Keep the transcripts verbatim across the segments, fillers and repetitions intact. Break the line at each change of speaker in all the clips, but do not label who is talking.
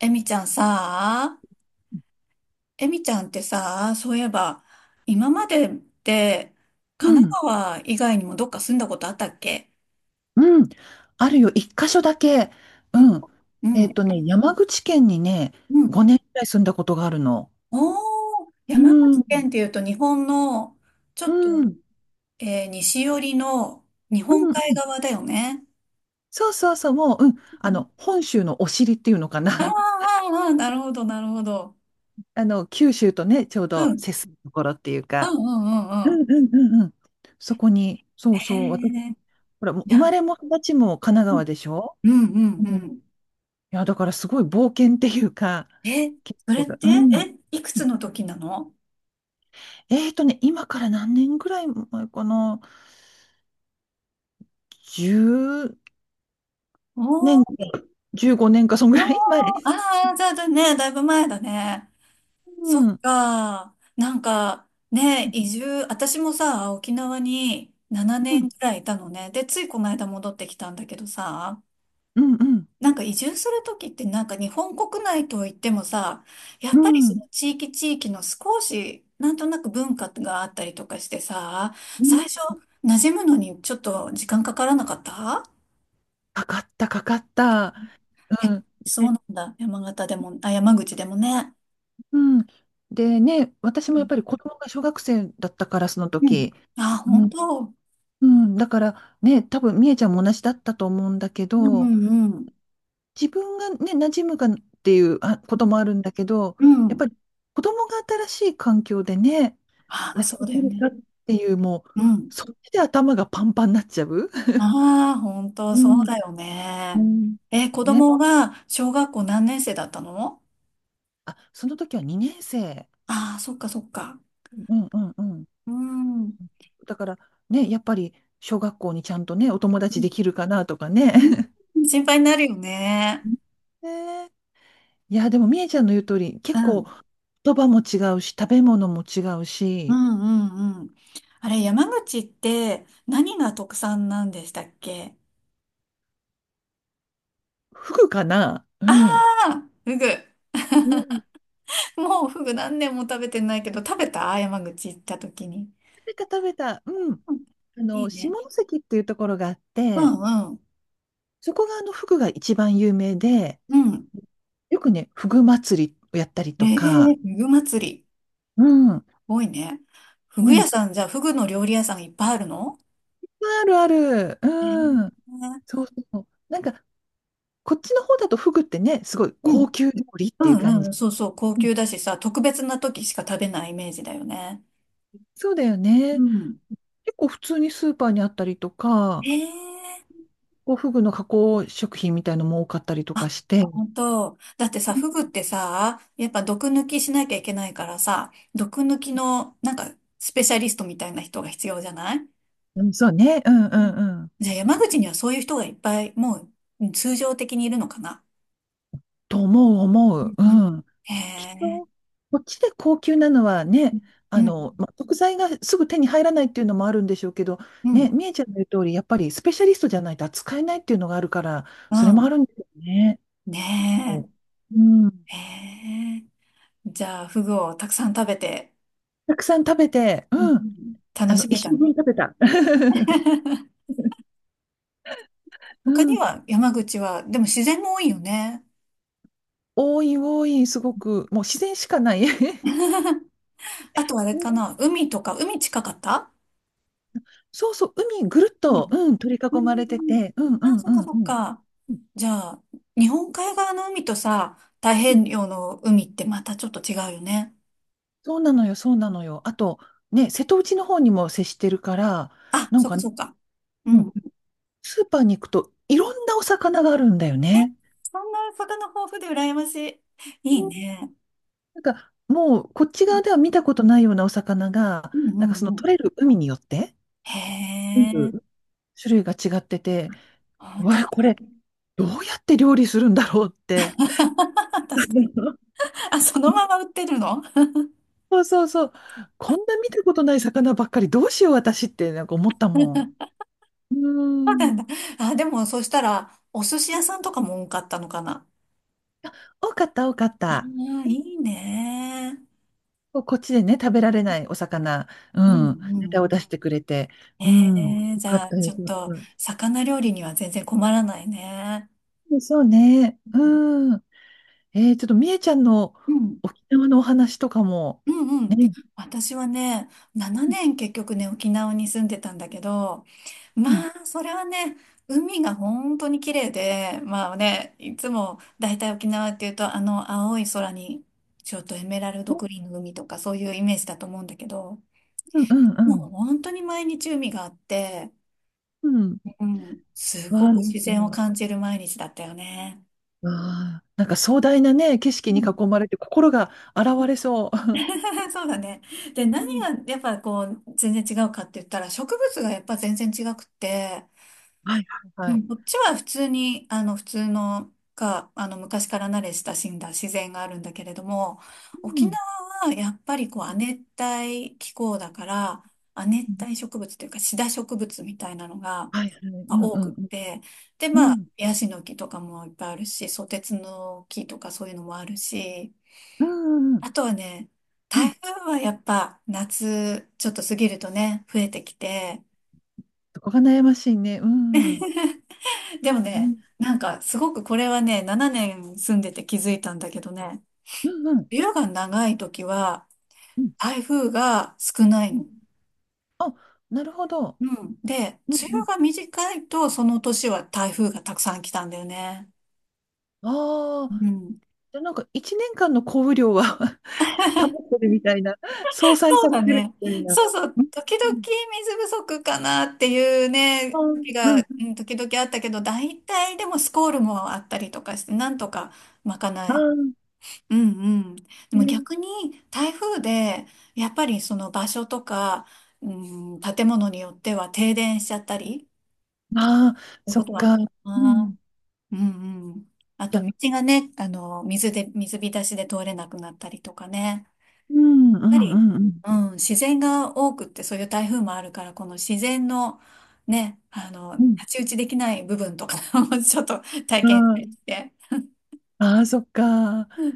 エミちゃんさ、エミちゃんってさ、そういえば、今までって
う
神奈
ん、
川以外にもどっか住んだことあったっけ？
うん、あるよ、一箇所だけ。
うん、
うん。
う
えっ
ん、
とね、山口県にね、
うん。
ごねんくらい住んだことがあるの。
おー、
う
山
ん、う
口
ん、
県っていうと日本の、ち
う
ょっと、
ん、う
えー西寄りの日本海
ん。
側だよね。
そうそうそう、もう、うん、
う
あ
ん、
の、本州のお尻っていうのか
あーあ
な。
ー、あーなるほど、なるほど。
あの、九州とね、ちょう
うん、う
ど接
ん、
するところっていう
うん、
か。
うん
う
うん。
ん、うん、うん、うん。そこに、そ
へ
う
え
そう、私、
ー、
ほら、もう
い
生
や、
まれも育ちも神奈
う
川
ん、
でしょ。
うん、う
う
ん。う
ん。い
ん、
や、だからすごい冒険っていうか、
え、
結
そ
構
れっ
が、
て、
うん。
え、いくつの時なの？
えーとね、今から何年ぐらい前かな ?じゅう
おー
年か、じゅうごねんか、そんぐ
お
ら
ー、
い前です。
ああ、じゃあね、だいぶ前だね。
う
そっ
ん、う
か。なんか、ね、移住、私もさ、沖縄に7
ん、
年くらいいたのね。で、ついこの間戻ってきたんだけどさ、
うん、うん、
なんか移住するときってなんか日本国内といってもさ、やっ
う
ぱりそ
ん。
の地域地域の少し、なんとなく文化があったりとかしてさ、
うん、
最初、馴染むのにちょっと時間かからなかった？
かかった、かかった。
い
う
や、
ん。
そうな
で、
んだ。山形でも、あ、山口でもね。
うん。でね、私もやっぱり子供が小学生だったから、その
うん。
時。
あ、
う
本
ん。
当。
うん。だからね、多分、みえちゃんも同じだったと思うんだけ
うん
ど、
うんうん。
自分がね、馴染むかっていうあこともあるんだけど、
う
やっ
ん。
ぱり子供が新しい環境でね、
あ、
やっ
そ
て
う
い
だ
け
よ
るか
ね。
っていう、もう、
うん。
そっちで頭がパンパンになっちゃう。
ああ、本当、
う
そう
ん、
だよ
う
ね。
ん。
え、子
ね。
供が小学校何年生だったの？
あ、その時はにねん生。
ああ、そっかそっか。
うんうんうん。
うん。うん
だから、ね、やっぱり、小学校にちゃんとね、お友達できるかなとかね。
うん、心配になるよ ね。
ねえ、いや、でも、みえちゃんの言う通り、
う
結構、
ん。
言葉も違うし、食べ物も違う
う
し、
んうんうん。あれ、山口って何が特産なんでしたっけ？
フグかな、う
あ
ん。
あー、フグ。
うん。
もうフグ何年も食べてないけど、食べた、山口行った時に。
食べた、食べた。うん。
うん、
あ
い
の、
い
下
ね。
関っていうところがあっ
う
て、
んうん。
そこがあの、フグが一番有名で、
うん。
よくね、フグ祭りをやったり
え
と
え
か、
ー、ふぐ祭り。
うん、う
多いね。ふぐ屋
ん、
さん、じゃあ、ふぐの料理屋さんいっぱいあるの？
ある、ある、
え
うん、
え、
そうそう。なんか、こっちの方だとフグってね、すごい
う
高
ん。
級料理っ
う
ていう感
んう
じ。
ん。そうそう。高
うん、
級だしさ、特別な時しか食べないイメージだよね。
そうだよ
う
ね。
ん。
結構普通にスーパーにあったりとか、
ええ、
こうフグの加工食品みたいのも多かったりとか
あ、
して、
本当。だってさ、フグってさ、やっぱ毒抜きしなきゃいけないからさ、毒抜きの、なんか、スペシャリストみたいな人が必要じゃない？
うん、そうね、うんう
うん、
んうん。
じゃあ、山口にはそういう人がいっぱい、もう、うん、通常的にいるのかな？
と思う、思
うん
う。う
うん、
ん。
へ
きっと、
え。
こっちで高級なのはね、
う
あ
ん。
の、まあ、食材がすぐ手に入らないっていうのもあるんでしょうけど、
うん。
ね、みえちゃんの言う通り、やっぱりスペシャリストじゃないと扱えないっていうのがあるから、
う
それもあ
ん。
るんですよね。う
ね
ん。
え。へえ。じゃあ、フグをたくさん食べて、
たくさん食べて、
うんう
うん。
ん、
あ
楽
の、
しめ
一
た
生分
の？
食べた。う
他に
ん。
は、山口は、でも自然も多いよね。
多い、多い、すごく、もう自然しかない。
あとあれ
う
か
ん、
な、海とか、海近かった？
そうそう、海ぐるっ
う
と、
ん。
うん、取り
うん
囲
う
まれて
んうん、
て、うんう
あ、
ん
そ
う
っか
んう
そっ
ん。
か。
うん、
じゃあ、日本海側の海とさ、太平洋の海ってまたちょっと違うよね。
そうなのよ、そうなのよ。あと、ね、瀬戸内の方にも接してるから、
あ、
なん
そっ
か、
か
う
そっか。う
ん、
ん、
スーパーに行くといろんなお魚があるんだよね。
そんな魚豊富で羨ましい。
う
いい
ん、
ね。
なんか、もう、こっち側では見たことないようなお魚が、
うん
なん
う
かそ
ん
の
う
取
ん。
れる海によって、
へ
全
え。
部種類が違ってて、
あ、
う
だ、
わ、これ、どうやって料理するんだろうって。
確かに。あ、そのまま売ってるの？
そうそうそう。こんな見たことない魚ばっかり、どうしよう私って、なんか思ったもん。うん。
あ、でも、そしたら、お寿司屋さんとかも多かったのかな。
多かった、多かっ
あ
た。
あ、いいね。
ここっちでね、食べられないお魚、う
うん
ん、
う
ネタ
んう
を
ん。
出してくれて、
え
うん、よ
え、じ
か
ゃ
っ
あ、
たよ
ち
よ
ょっ
かった。
と、
う
魚料理には全然困らないね。
ん、そうね、うん。えー、ちょっとみえちゃんの
うん。
沖縄のお話とかも、
うんう
ね、
ん。
うん、
私はね、ななねん結局ね、沖縄に住んでたんだけど、ま
うん、
あ、それはね、海が本当に綺麗で、まあね、いつも大体沖縄っていうと、あの青い空に、ちょっとエメラルドグリーンの海とかそういうイメージだと思うんだけど、
うん、うん、う
もう
ん、
本当に毎日海があって、
うん、
うん、す
わ
ご
あ、
く
なん
自
か、
然を感じる毎日だったよね。
わあ、なんか壮大なね、景色
う
に
ん、
囲まれて心が洗われそ
そうだね。で、
う。う
何が
ん、
やっぱこう全然違うかって言ったら植物がやっぱ全然違くって、
はい、はい、
う
はい。
ん、こっちは普通に、あの、普通のか、あの、昔から慣れ親しんだ自然があるんだけれども、
う
沖縄
ん、
はやっぱりこう、亜熱帯気候だから、亜
う
熱
ん、
帯植物というか、シダ植物みたいなのが、
はい、はい、う
まあ、
ん、、
多
う
くっ
ん、
て、で、
う
まあ、
ん、
ヤシの木とかもいっぱいあるし、ソテツの木とかそういうのもあるし、
うん、うん、
あとはね、
うん、
台風はやっぱ夏ちょっと過ぎるとね、増えてきて、
そこが悩ましいね、うん。う
でもね、
ん
なんかすごくこれはね、ななねん住んでて気づいたんだけどね、
うんうん。
梅雨が長い時は
うん
台風が少ない
うん、
の。
あ、なるほど。
うん。で、梅
うんう
雨
ん、
が短いとその年は台風がたくさん来たんだよね。
あ
う
あ、
ん。
じゃあ、なんか一年間の降雨量は 保ってるみたいな、相殺さ
そう
れ
だ
てる
ね。
みたいな。
そうそ
う
う。
ん
時
うん
々
うん、
水不足かなっていう
あ
ね、
ー、
時
うん、
が、うん、時々あったけど、大体でもスコールもあったりとかして、なんとか賄
あ
え、うんうん。で
ー、
も
ね、
逆に台風でやっぱりその場所とか、うん、建物によっては停電しちゃったり、
あー、
そういう
そ
こ
っ
とはある
か。
か
う
な。
ん。
うんうん。あ
じ
と
ゃあ、
道がね、あの、水で、水浸しで通れなくなったりとかね。
うんう
やっぱ
んう
り、
んうん。
うん、自然が多くってそういう台風もあるから、この自然のね、あの、
うん、
太刀打ちできない部分とか もちょっと体験して、
ああー、そっか。
う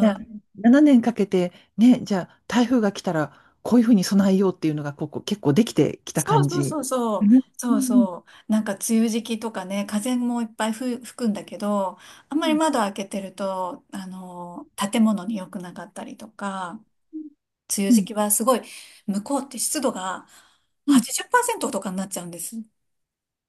じゃあ、ななねんかけて、ね、じゃあ、台風が来たら、こういうふうに備えようっていうのが、ここ結構できてきた
そう
感
そう
じ。
そうそ
う
う。
んうん
そうそう。なんか梅雨時期とかね、風もいっぱいふ吹くんだけど、あん
う
まり
ん
窓開けてると、あの、建物に良くなかったりとか、梅雨
う
時
ん
期はすごい、向こうって湿度が
うん。
はちじゅっパーセントとかになっちゃうんです。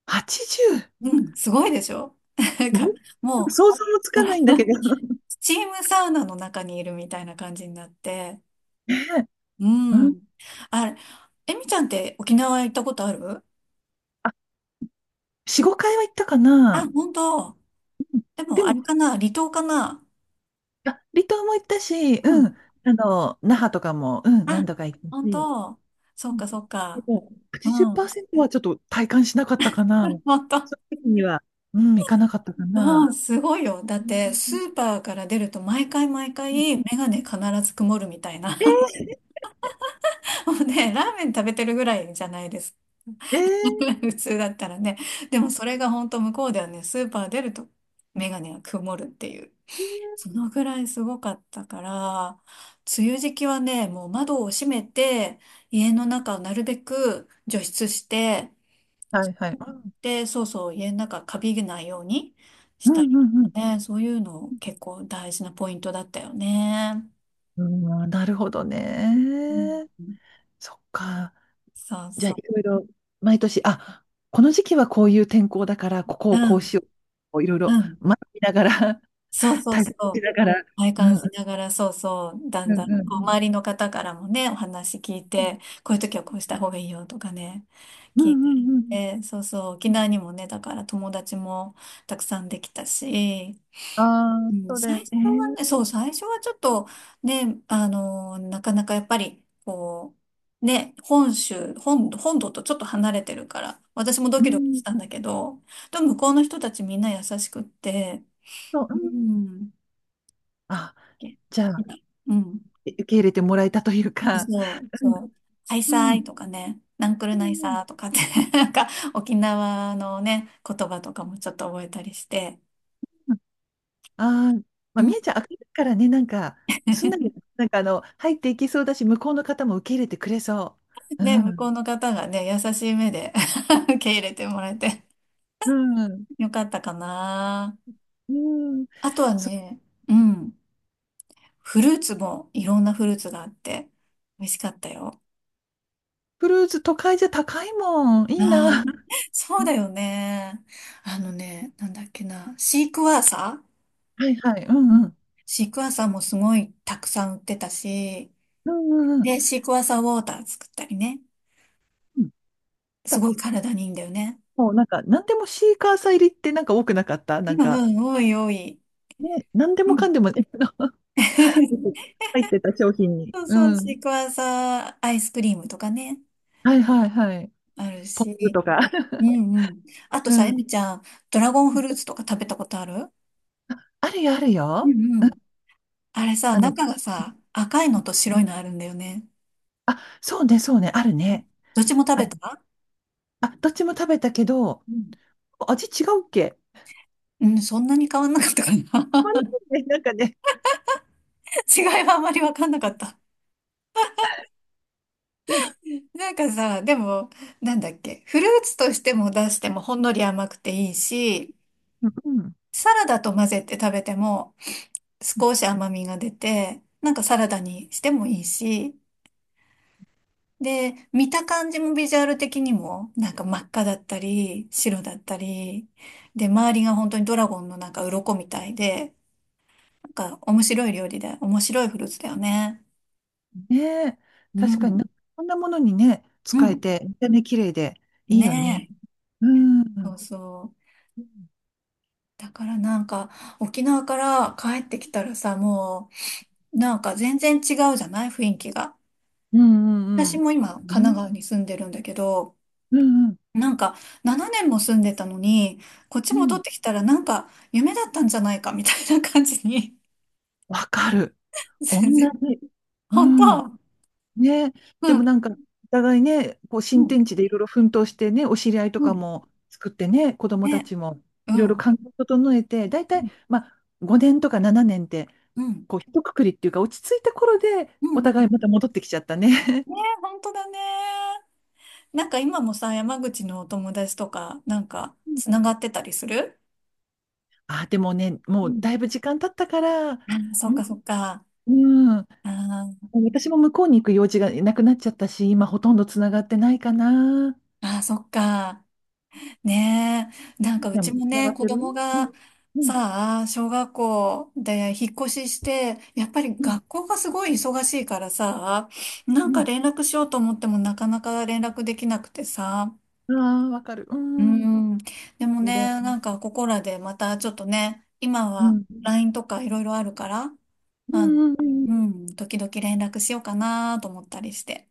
はちじゅう!
うん、すごいでしょ？ なん
なん
か、も
想
う、
像もつかないんだけど。
スチームサウナの中にいるみたいな感じになって、
ねえ。
う
うん。
ん。あれ、えみちゃんって沖縄行ったことある？
あ、よん、ごかいは行ったか
あ、
な。
本当。
うん。
でも、
で
あれ
も、
かな、離島かな？
あ、離島も行ったし、うん。あの、那覇とかも、うん、
あ、
何度か行った
本
し。
当。そ
う
っ
ん。
かそっ
で
か。
も、
うん。
はちじゅっパーセントはちょっと体感しなかったかな。
本当。
その時には、うん、行かなかったか
う
な。
ん、すごいよ。だっ
うん
て、
う
ス
ん、
ーパーから出ると毎回毎回、メガネ必ず曇るみたいな。
え
もうね、ラーメン食べてるぐらいじゃないですか。
ー、えー、
普通だったらね。でもそれが本当向こうではね、スーパー出るとメガネが曇るっていう。そのぐらいすごかったから、梅雨時期はね、もう窓を閉めて、家の中をなるべく除湿して、
はいはい。
で、そうそう、家の中カビがないようにし
うん
たり
う
と
んう
か
ん
ね、そういうの結構大事なポイントだったよね。
うん。うん、なるほどね。
うん、
そっか。
そう
じゃあ、
そ
いろいろ、毎年、あ、この時期はこういう天候だから、ここ
う。
を
う
こうし
ん、
よう。こういろいろ、
うん。
学びながら、
そう そう
体
そ
験し
う。
ながら、
体
うん、
感
うん、
しながら、そうそう、だ
う
んだん、
ん、う
こう、
ん、
周りの方からもね、お話聞い
う
て、こういう時はこうした方がいいよとかね、
ん、うん、
聞い
うん
た
う
りし
んうんうんうん
て、そうそう、沖
うんうん、
縄にもね、だから友達もたくさんできたし、
ああ
う
ー、
ん、
そうだ
最
よ
初はね、
ね。
そう、最初はちょっと、ね、あの、なかなかやっぱり、こう、ね、本州、本、本土とちょっと離れてるから、私もド
う
キドキし
ん、
たんだけど、でも向こうの人たちみんな優しくって、
そう、
う
うん。
ん、
あ、じゃあ、
な、うん、
え受け入れてもらえたというか、
そう、
うん、
そう、ハイ
うん、
サ
う
イ
ん、
とかね、ナンクルナイ
うん。
サーとかって なんか沖縄のね、言葉とかもちょっと覚えたりして、
ああー、ま
う
あ、
ん、
みえちゃん、明るいからね、なんか、すんなり、なんかあの、入っていきそうだし、向こうの方も受け入れてくれそう。
で、向こ
う
うの方がね、優しい目で 受け入れてもらえて、
ん、うん。
よかったかな。
うん。
あとは
そう、
ね、うん。フルーツもいろんなフルーツがあって、美味しかったよ。
クルーズ、都会じゃ高いもん。いいな。
ああ、そ
う
うだ
ん、
よね。あのね、なんだっけな。シークワーサー、
はいはい。う
う
んう
ん、
ん。
シークワーサーもすごいたくさん売ってたし、
うんうんうん。
で、シークワーサーウォーター作ったりね。
うん、
すご
だ、
い体にいいんだよね。
もうなんか、なんでもシーカーサー入りってなんか多くなかった、
う
なんか、
んうん、おいおい。
ね、なんで
う
も
ん。
かんでも、ね、入ってた商品に。
そう
う
そう、シ
ん。
ークワーサーアイスクリームとかね、
はいはいはい。
ある
ポップ
し。
とか。
うんうん。あと
う
さ、え
ん。
みちゃん、ドラゴンフルーツとか食べたことある？
あるよ、ある
う
よ。
んうん。あれさ、
あの、
中がさ、赤いのと白いのあるんだよね。
あ、そうねそうね、あるね。
どっちも食
あ、
べた？
あどっちも食べたけど、
うん。
味違うっけ。
うん、そんなに変わんなかったか
ま
な。
あ、なん かね、なんかね。
違いはあまりわかんなかった。
で、
なんかさ、でも、なんだっけ、フルーツとしても出してもほんのり甘くていいし、
うん。
サラダと混ぜて食べても少し甘みが出て、なんかサラダにしてもいいし、で、見た感じもビジュアル的にも、なんか真っ赤だったり、白だったり、で、周りが本当にドラゴンのなんか鱗みたいで、なんか面白い料理で、面白いフルーツだよね。
ねえ、
う
確かに
ん、
な、こんなものにね、
う
使え
ん。
て、見た目綺麗でいいよ
ね
ね。うん。う
え。そ
ん
うそう。だからなんか、沖縄から帰ってきたらさ、もう、なんか全然違うじゃない、雰囲気が。
うんう
私
ん。
も今、神
う
奈
ね、
川に住んでるんだけど、
うんうん
なんか、ななねんも住んでたのに、こっち
う
戻っ
ん。
てきたらなんか夢だったんじゃないかみたいな感じに、
わかる。同
全然、
じ。う
本
ん。
当、
ね。
う
でもなん
ん、
か、お互いね、こう
う
新
ん、
天地でいろいろ奮闘してね、お知り合いと
う
か
ん、
も作ってね、子供た
ね、
ちも
う
いろ
ん、
い
う
ろ
ん、
環境を整えて、大体、まあ、ごねんとかななねんって、
うん、
こう、一括りっていうか、落ち着いた頃で、
う
お
ん、う
互いまた
ん、
戻ってきちゃったね。
ね、本当だね。なんか今もさ、山口のお友達とか、なんか、つ ながってたりする？
あ、でもね、
う
もう
ん。
だいぶ時間経ったから、
あ、そ
う
っ
ん、
かそっか。
うん、
あー
私も向こうに行く用事がなくなっちゃったし、今ほとんどつながってないかな。
あー、そっか。ねえ、なん
で、
かうちも
つなが
ね、
っ
子
てる、
供
うん、
が
うん、
さあ、小学校で引っ越しして、やっぱり
うん、
学校がすごい忙しいからさ、なんか連絡しようと思ってもなかなか連絡できなくてさ、
うん。ああ、わかる。う
う
ん。
ん、でも
そうだ
ね、なん
ね、
かここらでまたちょっとね、今
う
は
ん、
ライン とかいろいろあるから、
う
あの、
ん、うん、
うん、時々連絡しようかなと思ったりして。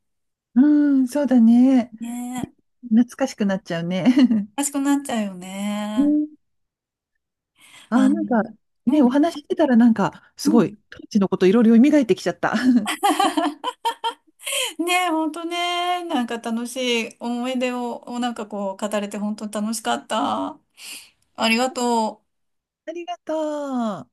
うん、うん、そうだね。
ねえ、
懐かしくなっちゃうね。
お かしくなっちゃうよ
う
ね。
ん。あ
あ
あ、
の、
なんか、ね、
う
お
ん、
話ししてたらなんか、す
う
ご
ん。
い、当時のこといろいろ蘇ってきちゃった。あ
ねえ、ほんとね、なんか楽しい思い出を、なんかこう、語れて本当楽しかった。ありがとう。
りがとう。